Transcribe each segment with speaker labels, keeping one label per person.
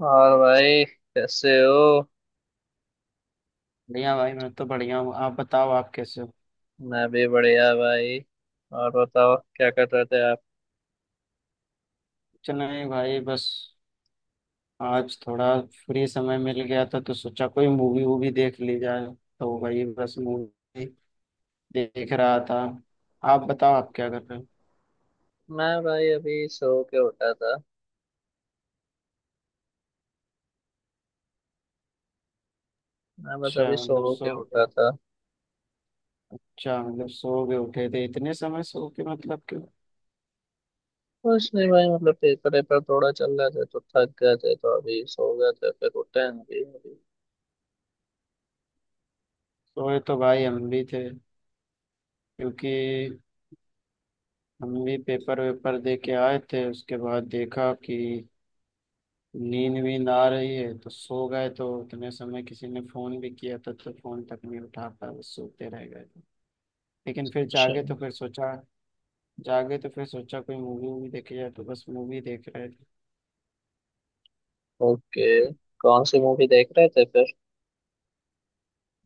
Speaker 1: और भाई कैसे हो।
Speaker 2: बढ़िया भाई, मैं तो बढ़िया हूँ। आप बताओ आप कैसे हो।
Speaker 1: मैं भी बढ़िया भाई। और बताओ क्या कर रहे थे आप।
Speaker 2: कुछ नहीं भाई, बस आज थोड़ा फ्री समय मिल गया था तो सोचा कोई मूवी वूवी देख ली जाए। तो वही बस मूवी देख रहा था। आप बताओ आप क्या कर रहे हो।
Speaker 1: मैं भाई अभी सो के उठा था। मैं बस
Speaker 2: अच्छा
Speaker 1: अभी
Speaker 2: मतलब
Speaker 1: सो
Speaker 2: सो
Speaker 1: के उठा था
Speaker 2: अच्छा मतलब सो गए उठे थे, इतने समय सो के मतलब कि।
Speaker 1: कुछ नहीं भाई मतलब पेपर वेपर थोड़ा चल रहे थे तो थक गए थे तो अभी सो गए थे फिर उठे हैं अभी अभी।
Speaker 2: सोए तो भाई हम भी थे, क्योंकि हम भी पेपर वेपर दे के आए थे। उसके बाद देखा कि नींद वींद आ रही है तो सो गए। तो उतने समय किसी ने फोन भी किया, तब तो फोन तक नहीं उठा पाया, बस सोते रह गए। लेकिन फिर
Speaker 1: अच्छा।
Speaker 2: जागे तो फिर सोचा कोई मूवी वूवी देखी जाए, तो बस मूवी देख रहे थे।
Speaker 1: ओके। कौन सी मूवी देख रहे थे फिर।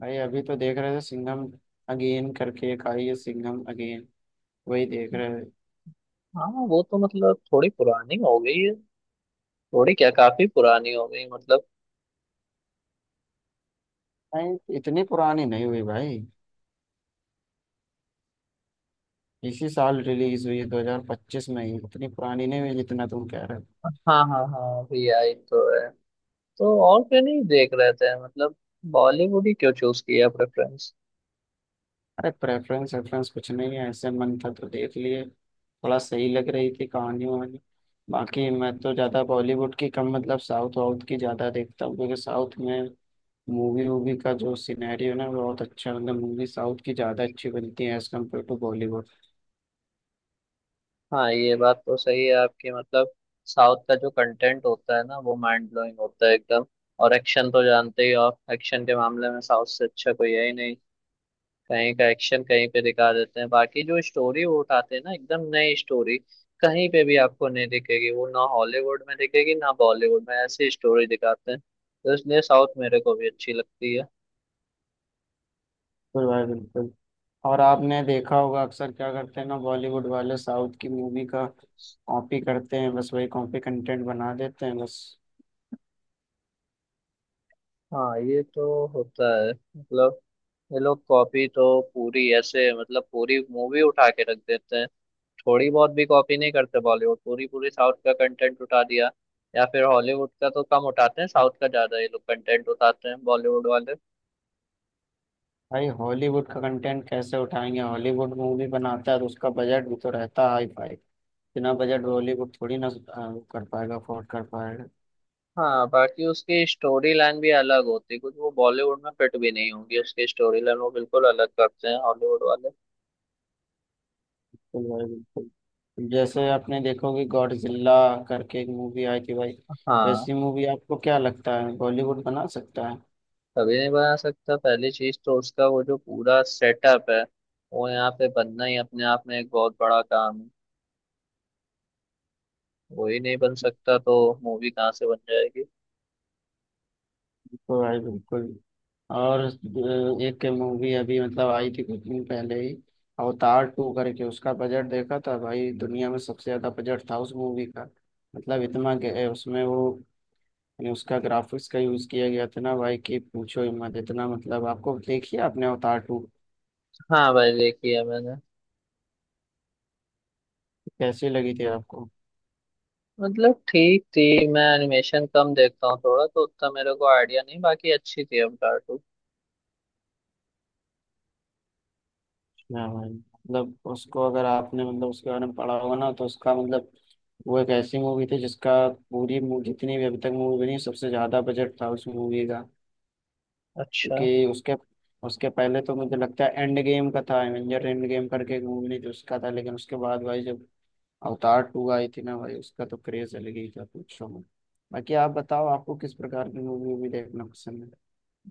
Speaker 2: भाई अभी तो देख रहे थे सिंघम अगेन करके एक आई है, सिंघम अगेन वही देख रहे थे।
Speaker 1: हाँ वो तो मतलब थोड़ी पुरानी हो गई है। थोड़ी क्या काफी पुरानी हो गई मतलब।
Speaker 2: नहीं, इतनी पुरानी नहीं हुई भाई। इसी साल रिलीज हुई है 2025 में ही, इतनी पुरानी नहीं हुई जितना तुम कह रहे हो।
Speaker 1: हाँ हाँ हाँ अभी आई तो है। तो और क्या नहीं देख रहे थे मतलब। बॉलीवुड ही क्यों चूज किया प्रेफरेंस।
Speaker 2: अरे, प्रेफरेंस रेफरेंस कुछ नहीं है, ऐसे मन था तो देख लिए। थोड़ा सही लग रही थी कहानी वहानी। बाकी मैं तो ज़्यादा बॉलीवुड की कम, मतलब साउथ वाउथ की ज़्यादा देखता हूँ, क्योंकि साउथ में मूवी वूवी का जो सिनेरियो ना वो बहुत अच्छा है। मतलब मूवी साउथ की ज़्यादा अच्छी बनती है एज़ कम्पेयर टू बॉलीवुड।
Speaker 1: हाँ ये बात तो सही है आपकी मतलब। साउथ का जो कंटेंट होता है ना वो माइंड ब्लोइंग होता है एकदम। और एक्शन तो जानते ही हो आप एक्शन के मामले में साउथ से अच्छा कोई है ही नहीं। कहीं का एक्शन कहीं पे दिखा देते हैं बाकी जो स्टोरी वो उठाते हैं ना एकदम नई स्टोरी। कहीं पे भी आपको नहीं दिखेगी वो ना हॉलीवुड में दिखेगी ना बॉलीवुड में ऐसी स्टोरी दिखाते हैं तो इसलिए साउथ मेरे को भी अच्छी लगती है।
Speaker 2: बिल्कुल भाई बिल्कुल। और आपने देखा होगा अक्सर क्या करते हैं ना, बॉलीवुड वाले साउथ की मूवी का कॉपी करते हैं, बस वही कॉपी कंटेंट बना देते हैं बस।
Speaker 1: हाँ ये तो होता है मतलब। ये लोग कॉपी तो पूरी ऐसे मतलब पूरी मूवी उठा के रख देते हैं। थोड़ी बहुत भी कॉपी नहीं करते बॉलीवुड पूरी पूरी साउथ का कंटेंट उठा दिया। या फिर हॉलीवुड का तो कम उठाते हैं साउथ का ज्यादा ये लोग कंटेंट उठाते हैं बॉलीवुड वाले।
Speaker 2: भाई हॉलीवुड का कंटेंट कैसे उठाएंगे, हॉलीवुड मूवी बनाता है तो उसका बजट भी तो रहता है हाई फाई। बिना बजट हॉलीवुड थोड़ी ना वो कर पाएगा, अफोर्ड कर पाएगा।
Speaker 1: हाँ बाकी उसकी स्टोरी लाइन भी अलग होती है कुछ वो बॉलीवुड में फिट भी नहीं होंगी उसकी स्टोरी लाइन वो बिल्कुल अलग करते हैं हॉलीवुड वाले।
Speaker 2: बिल्कुल भाई बिल्कुल, जैसे आपने देखोगे गॉडजिला करके एक मूवी आई थी भाई।
Speaker 1: हाँ।
Speaker 2: वैसी मूवी आपको क्या लगता है बॉलीवुड बना सकता है।
Speaker 1: कभी नहीं बना सकता पहली चीज तो उसका वो जो पूरा सेटअप है। वो यहाँ पे बनना ही अपने आप में एक बहुत बड़ा काम है। वही नहीं बन सकता तो मूवी कहाँ से बन जाएगी।
Speaker 2: तो भाई बिल्कुल। और एक मूवी अभी मतलब आई थी कुछ दिन पहले ही, अवतार टू करके। उसका बजट देखा था भाई, दुनिया में सबसे ज्यादा बजट था उस मूवी का। मतलब इतना उसमें वो, यानी उसका ग्राफिक्स का यूज किया गया था ना भाई कि पूछो ही मत। इतना मतलब, आपको देखिए, आपने अवतार टू
Speaker 1: हाँ भाई देखी है मैंने।
Speaker 2: कैसी लगी थी आपको।
Speaker 1: मतलब ठीक थी मैं एनिमेशन कम देखता हूँ थोड़ा तो उतना मेरे को आइडिया नहीं बाकी अच्छी थी अवतार टू।
Speaker 2: हाँ भाई, मतलब उसको अगर आपने, मतलब उसके बारे में पढ़ा होगा ना तो उसका मतलब वो एक ऐसी मूवी थी जितनी भी अभी तक मूवी बनी है, सबसे ज्यादा बजट था उस मूवी का।
Speaker 1: अच्छा।
Speaker 2: क्योंकि उसके उसके पहले तो मुझे लगता है एंड गेम का था, एवेंजर एंड गेम करके एक मूवी नहीं थी, उसका था। लेकिन उसके बाद भाई जब अवतार टू आई थी ना भाई, उसका तो क्रेज अलग ही था, पूछो मत। बाकी आप बताओ आपको किस प्रकार की मूवी भी देखना पसंद है।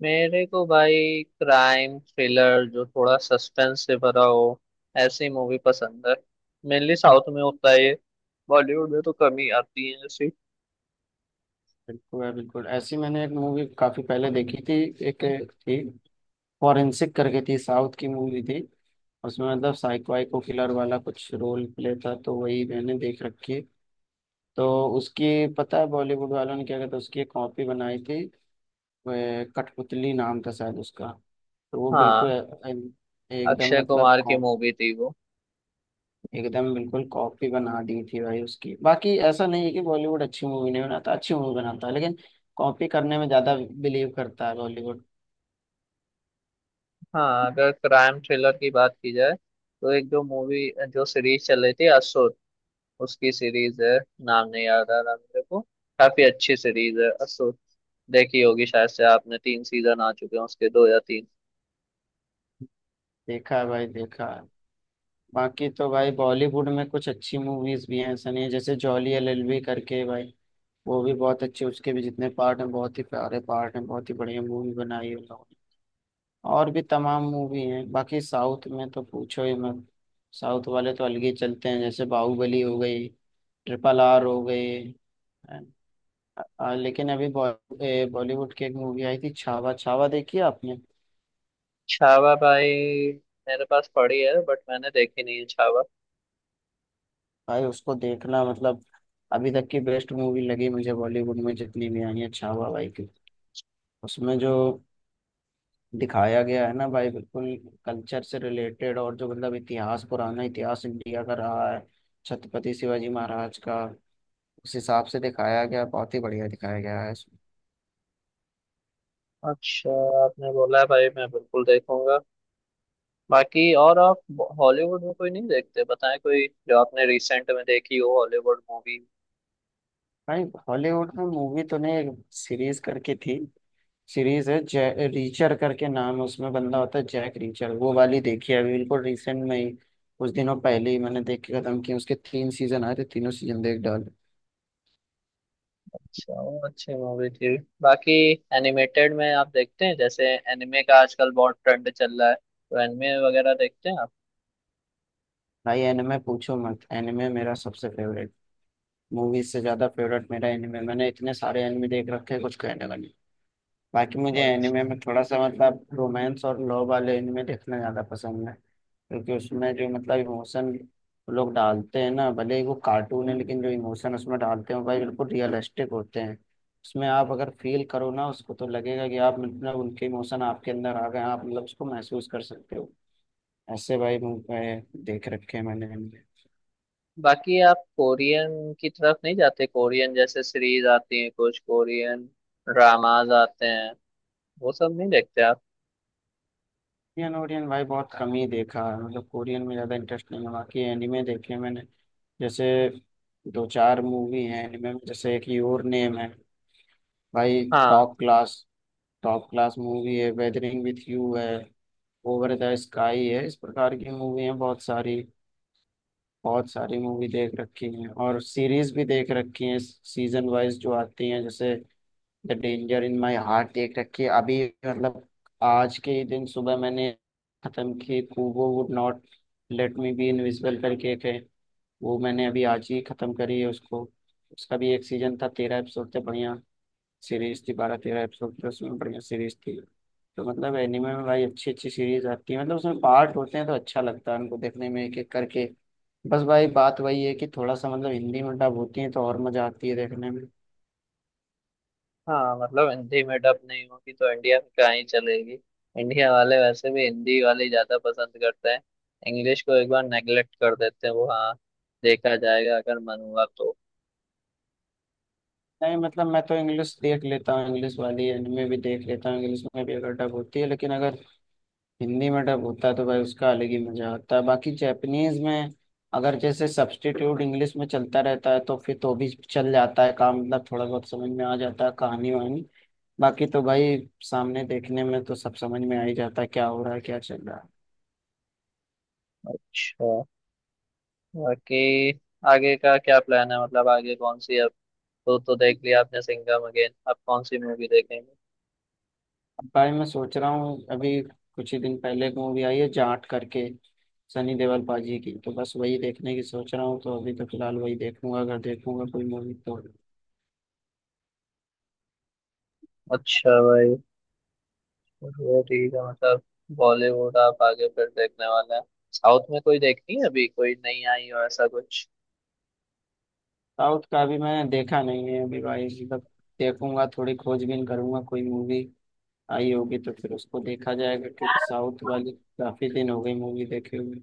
Speaker 1: मेरे को भाई क्राइम थ्रिलर जो थोड़ा सस्पेंस से भरा हो ऐसी मूवी पसंद है। मेनली साउथ में होता है ये। बॉलीवुड में तो कम ही आती है ऐसी।
Speaker 2: बिल्कुल है, बिल्कुल ऐसी मैंने एक मूवी काफी पहले देखी थी, एक थी फॉरेंसिक करके। थी साउथ की मूवी थी। उसमें मतलब साइको वाइको किलर वाला कुछ रोल प्ले था, तो वही मैंने देख रखी है। तो उसकी, पता है, बॉलीवुड वालों ने क्या कहता, उसकी एक कॉपी बनाई थी वो, कठपुतली नाम था शायद उसका। तो वो बिल्कुल
Speaker 1: हाँ
Speaker 2: एकदम
Speaker 1: अक्षय
Speaker 2: मतलब
Speaker 1: कुमार की मूवी थी वो।
Speaker 2: एकदम बिल्कुल कॉपी बना दी थी भाई उसकी। बाकी ऐसा नहीं है कि बॉलीवुड अच्छी मूवी नहीं बनाता, अच्छी मूवी बनाता है, लेकिन कॉपी करने में ज्यादा बिलीव करता है बॉलीवुड।
Speaker 1: हाँ अगर क्राइम थ्रिलर की बात की जाए तो एक जो मूवी जो सीरीज चल रही थी असुर। उसकी सीरीज है। नाम नहीं याद आ रहा मेरे को। काफी अच्छी सीरीज है असुर। देखी होगी शायद से आपने तीन सीजन आ चुके हैं उसके दो या तीन।
Speaker 2: देखा है भाई, देखा है। बाकी तो भाई बॉलीवुड में कुछ अच्छी मूवीज भी हैं, ऐसा नहीं है। जैसे जॉली एलएलबी करके भाई, वो भी बहुत अच्छी, उसके भी जितने पार्ट हैं बहुत ही प्यारे पार्ट हैं, बहुत ही बढ़िया मूवी बनाई है। और भी तमाम मूवी हैं। बाकी साउथ में तो पूछो ही मत, साउथ वाले तो अलग ही चलते हैं। जैसे बाहुबली हो गई, ट्रिपल आर हो गई, अ, लेकिन अभी बॉलीवुड की एक मूवी आई थी छावा। छावा देखी है आपने।
Speaker 1: छावा भाई। मेरे पास पड़ी है बट मैंने देखी नहीं है छावा।
Speaker 2: भाई उसको देखना, मतलब अभी तक की बेस्ट मूवी लगी मुझे बॉलीवुड में जितनी भी आई है। छावा भाई की, उसमें जो दिखाया गया है ना भाई, बिल्कुल कल्चर से रिलेटेड, और जो मतलब इतिहास, पुराना इतिहास इंडिया का रहा है छत्रपति शिवाजी महाराज का, उस हिसाब से दिखाया गया। बहुत ही बढ़िया दिखाया गया है इसमें।
Speaker 1: अच्छा। आपने बोला है भाई मैं बिल्कुल देखूंगा। बाकी और आप हॉलीवुड में कोई नहीं देखते बताएं कोई जो आपने रिसेंट में देखी हो हॉलीवुड मूवी।
Speaker 2: भाई हॉलीवुड में मूवी तो नहीं, एक सीरीज करके थी। सीरीज है जै रीचर करके नाम है, उसमें बंदा होता है जैक रीचर। वो वाली देखी है अभी बिल्कुल रिसेंट में ही, कुछ दिनों पहले ही मैंने देख के खत्म की। उसके 3 सीजन आए थे, तीनों सीजन देख डाल।
Speaker 1: अच्छा वो अच्छी मूवी थी बाकी एनिमेटेड में आप देखते हैं जैसे एनिमे का आजकल बहुत ट्रेंड चल रहा है तो एनिमे वगैरह देखते हैं।
Speaker 2: भाई एनिमे पूछो मत, एनिमे मेरा सबसे फेवरेट, मूवीज से ज्यादा फेवरेट मेरा एनिमे। मैंने इतने सारे एनिमे देख रखे हैं, कुछ कहने का नहीं। बाकी मुझे एनिमे में
Speaker 1: अच्छा।
Speaker 2: थोड़ा सा मतलब रोमांस और लव वाले एनिमे देखना ज़्यादा पसंद है, क्योंकि उसमें जो मतलब इमोशन लोग डालते हैं ना, भले ही वो कार्टून है, लेकिन जो इमोशन उसमें डालते हैं वो भाई बिल्कुल रियलिस्टिक होते हैं। उसमें आप अगर फील करो ना उसको तो लगेगा कि आप मतलब उनके इमोशन आपके अंदर आ गए हैं, आप मतलब उसको महसूस कर सकते हो। ऐसे भाई मुझे देख रखे हैं मैंने।
Speaker 1: बाकी आप कोरियन की तरफ नहीं जाते कोरियन जैसे सीरीज आती है कुछ कोरियन ड्रामाज आते हैं वो सब नहीं देखते आप।
Speaker 2: कोरियन ओरियन भाई बहुत कम ही देखा है, मतलब कोरियन में ज़्यादा इंटरेस्ट नहीं है। बाकी एनिमे देखे हैं मैंने, जैसे दो चार मूवी हैं एनिमे में। जैसे एक योर नेम है भाई,
Speaker 1: हाँ
Speaker 2: top class. Top class movie है। वेदरिंग विथ यू है, ओवर द स्काई है, इस प्रकार की मूवी हैं बहुत सारी। बहुत सारी मूवी देख रखी हैं और सीरीज भी देख रखी हैं सीजन वाइज जो आती हैं। जैसे the danger in my heart देख रखी है अभी, मतलब आज के ही दिन सुबह मैंने खत्म की। Kubo would not let me be invisible करके एक है, वो मैंने अभी आज ही खत्म करी है उसको। उसका भी एक सीजन था, 13 एपिसोड थे, बढ़िया सीरीज थी। 12-13 एपिसोड थे उसमें, बढ़िया सीरीज थी। तो मतलब एनिमे में भाई अच्छी अच्छी सीरीज आती है, मतलब उसमें पार्ट होते हैं तो अच्छा लगता है उनको देखने में एक एक करके। बस भाई बात वही है कि थोड़ा सा मतलब हिंदी में डब होती है तो और मजा आती है देखने में।
Speaker 1: हाँ मतलब हिंदी में डब नहीं होगी तो इंडिया में कहाँ ही चलेगी। इंडिया वाले वैसे भी हिंदी वाले ज्यादा पसंद करते हैं। इंग्लिश को एक बार नेगलेक्ट कर देते हैं वो। हाँ देखा जाएगा अगर मन हुआ तो।
Speaker 2: नहीं मतलब, मैं तो इंग्लिश देख लेता हूँ, इंग्लिश वाली एनिमे भी देख लेता हूँ इंग्लिश में भी अगर डब होती है। लेकिन अगर हिंदी में डब होता है तो भाई उसका अलग ही मजा आता है। बाकी जैपनीज में अगर जैसे सब्स्टिट्यूट इंग्लिश में चलता रहता है तो फिर तो भी चल जाता है काम, मतलब थोड़ा बहुत समझ में आ जाता है कहानी वहानी। बाकी तो भाई सामने देखने में तो सब समझ में आ ही जाता है, क्या हो रहा है क्या चल रहा है।
Speaker 1: अच्छा। बाकी आगे का क्या प्लान है मतलब आगे कौन सी अब तो देख लिया आपने सिंघम अगेन अब कौन सी मूवी देखेंगे।
Speaker 2: भाई मैं सोच रहा हूँ, अभी कुछ ही दिन पहले एक मूवी आई है जाट करके, सनी देओल पाजी की, तो बस वही देखने की सोच रहा हूँ। तो अभी तो फिलहाल वही देखूंगा, अगर देखूंगा कोई मूवी तो।
Speaker 1: अच्छा भाई वो ठीक है मतलब बॉलीवुड आप आगे फिर देखने वाले हैं। साउथ में कोई देखनी है अभी कोई नहीं आई हो ऐसा कुछ।
Speaker 2: साउथ का अभी मैंने देखा नहीं है अभी भाई, मतलब देखूंगा। थोड़ी खोजबीन करूंगा, कोई मूवी आई होगी तो फिर उसको देखा जाएगा, क्योंकि साउथ वाली काफी दिन हो गई मूवी देखे हुए।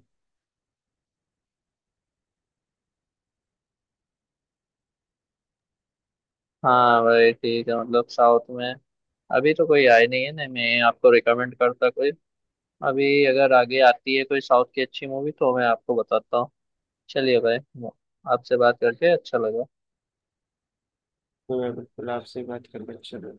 Speaker 1: हाँ भाई ठीक है मतलब साउथ में अभी तो कोई आई नहीं है ना मैं आपको रिकमेंड करता कोई। अभी अगर आगे आती है कोई साउथ की अच्छी मूवी तो मैं आपको बताता हूँ। चलिए भाई। आपसे बात करके अच्छा लगा।
Speaker 2: तो मैं बिल्कुल आपसे बात कर बच्चे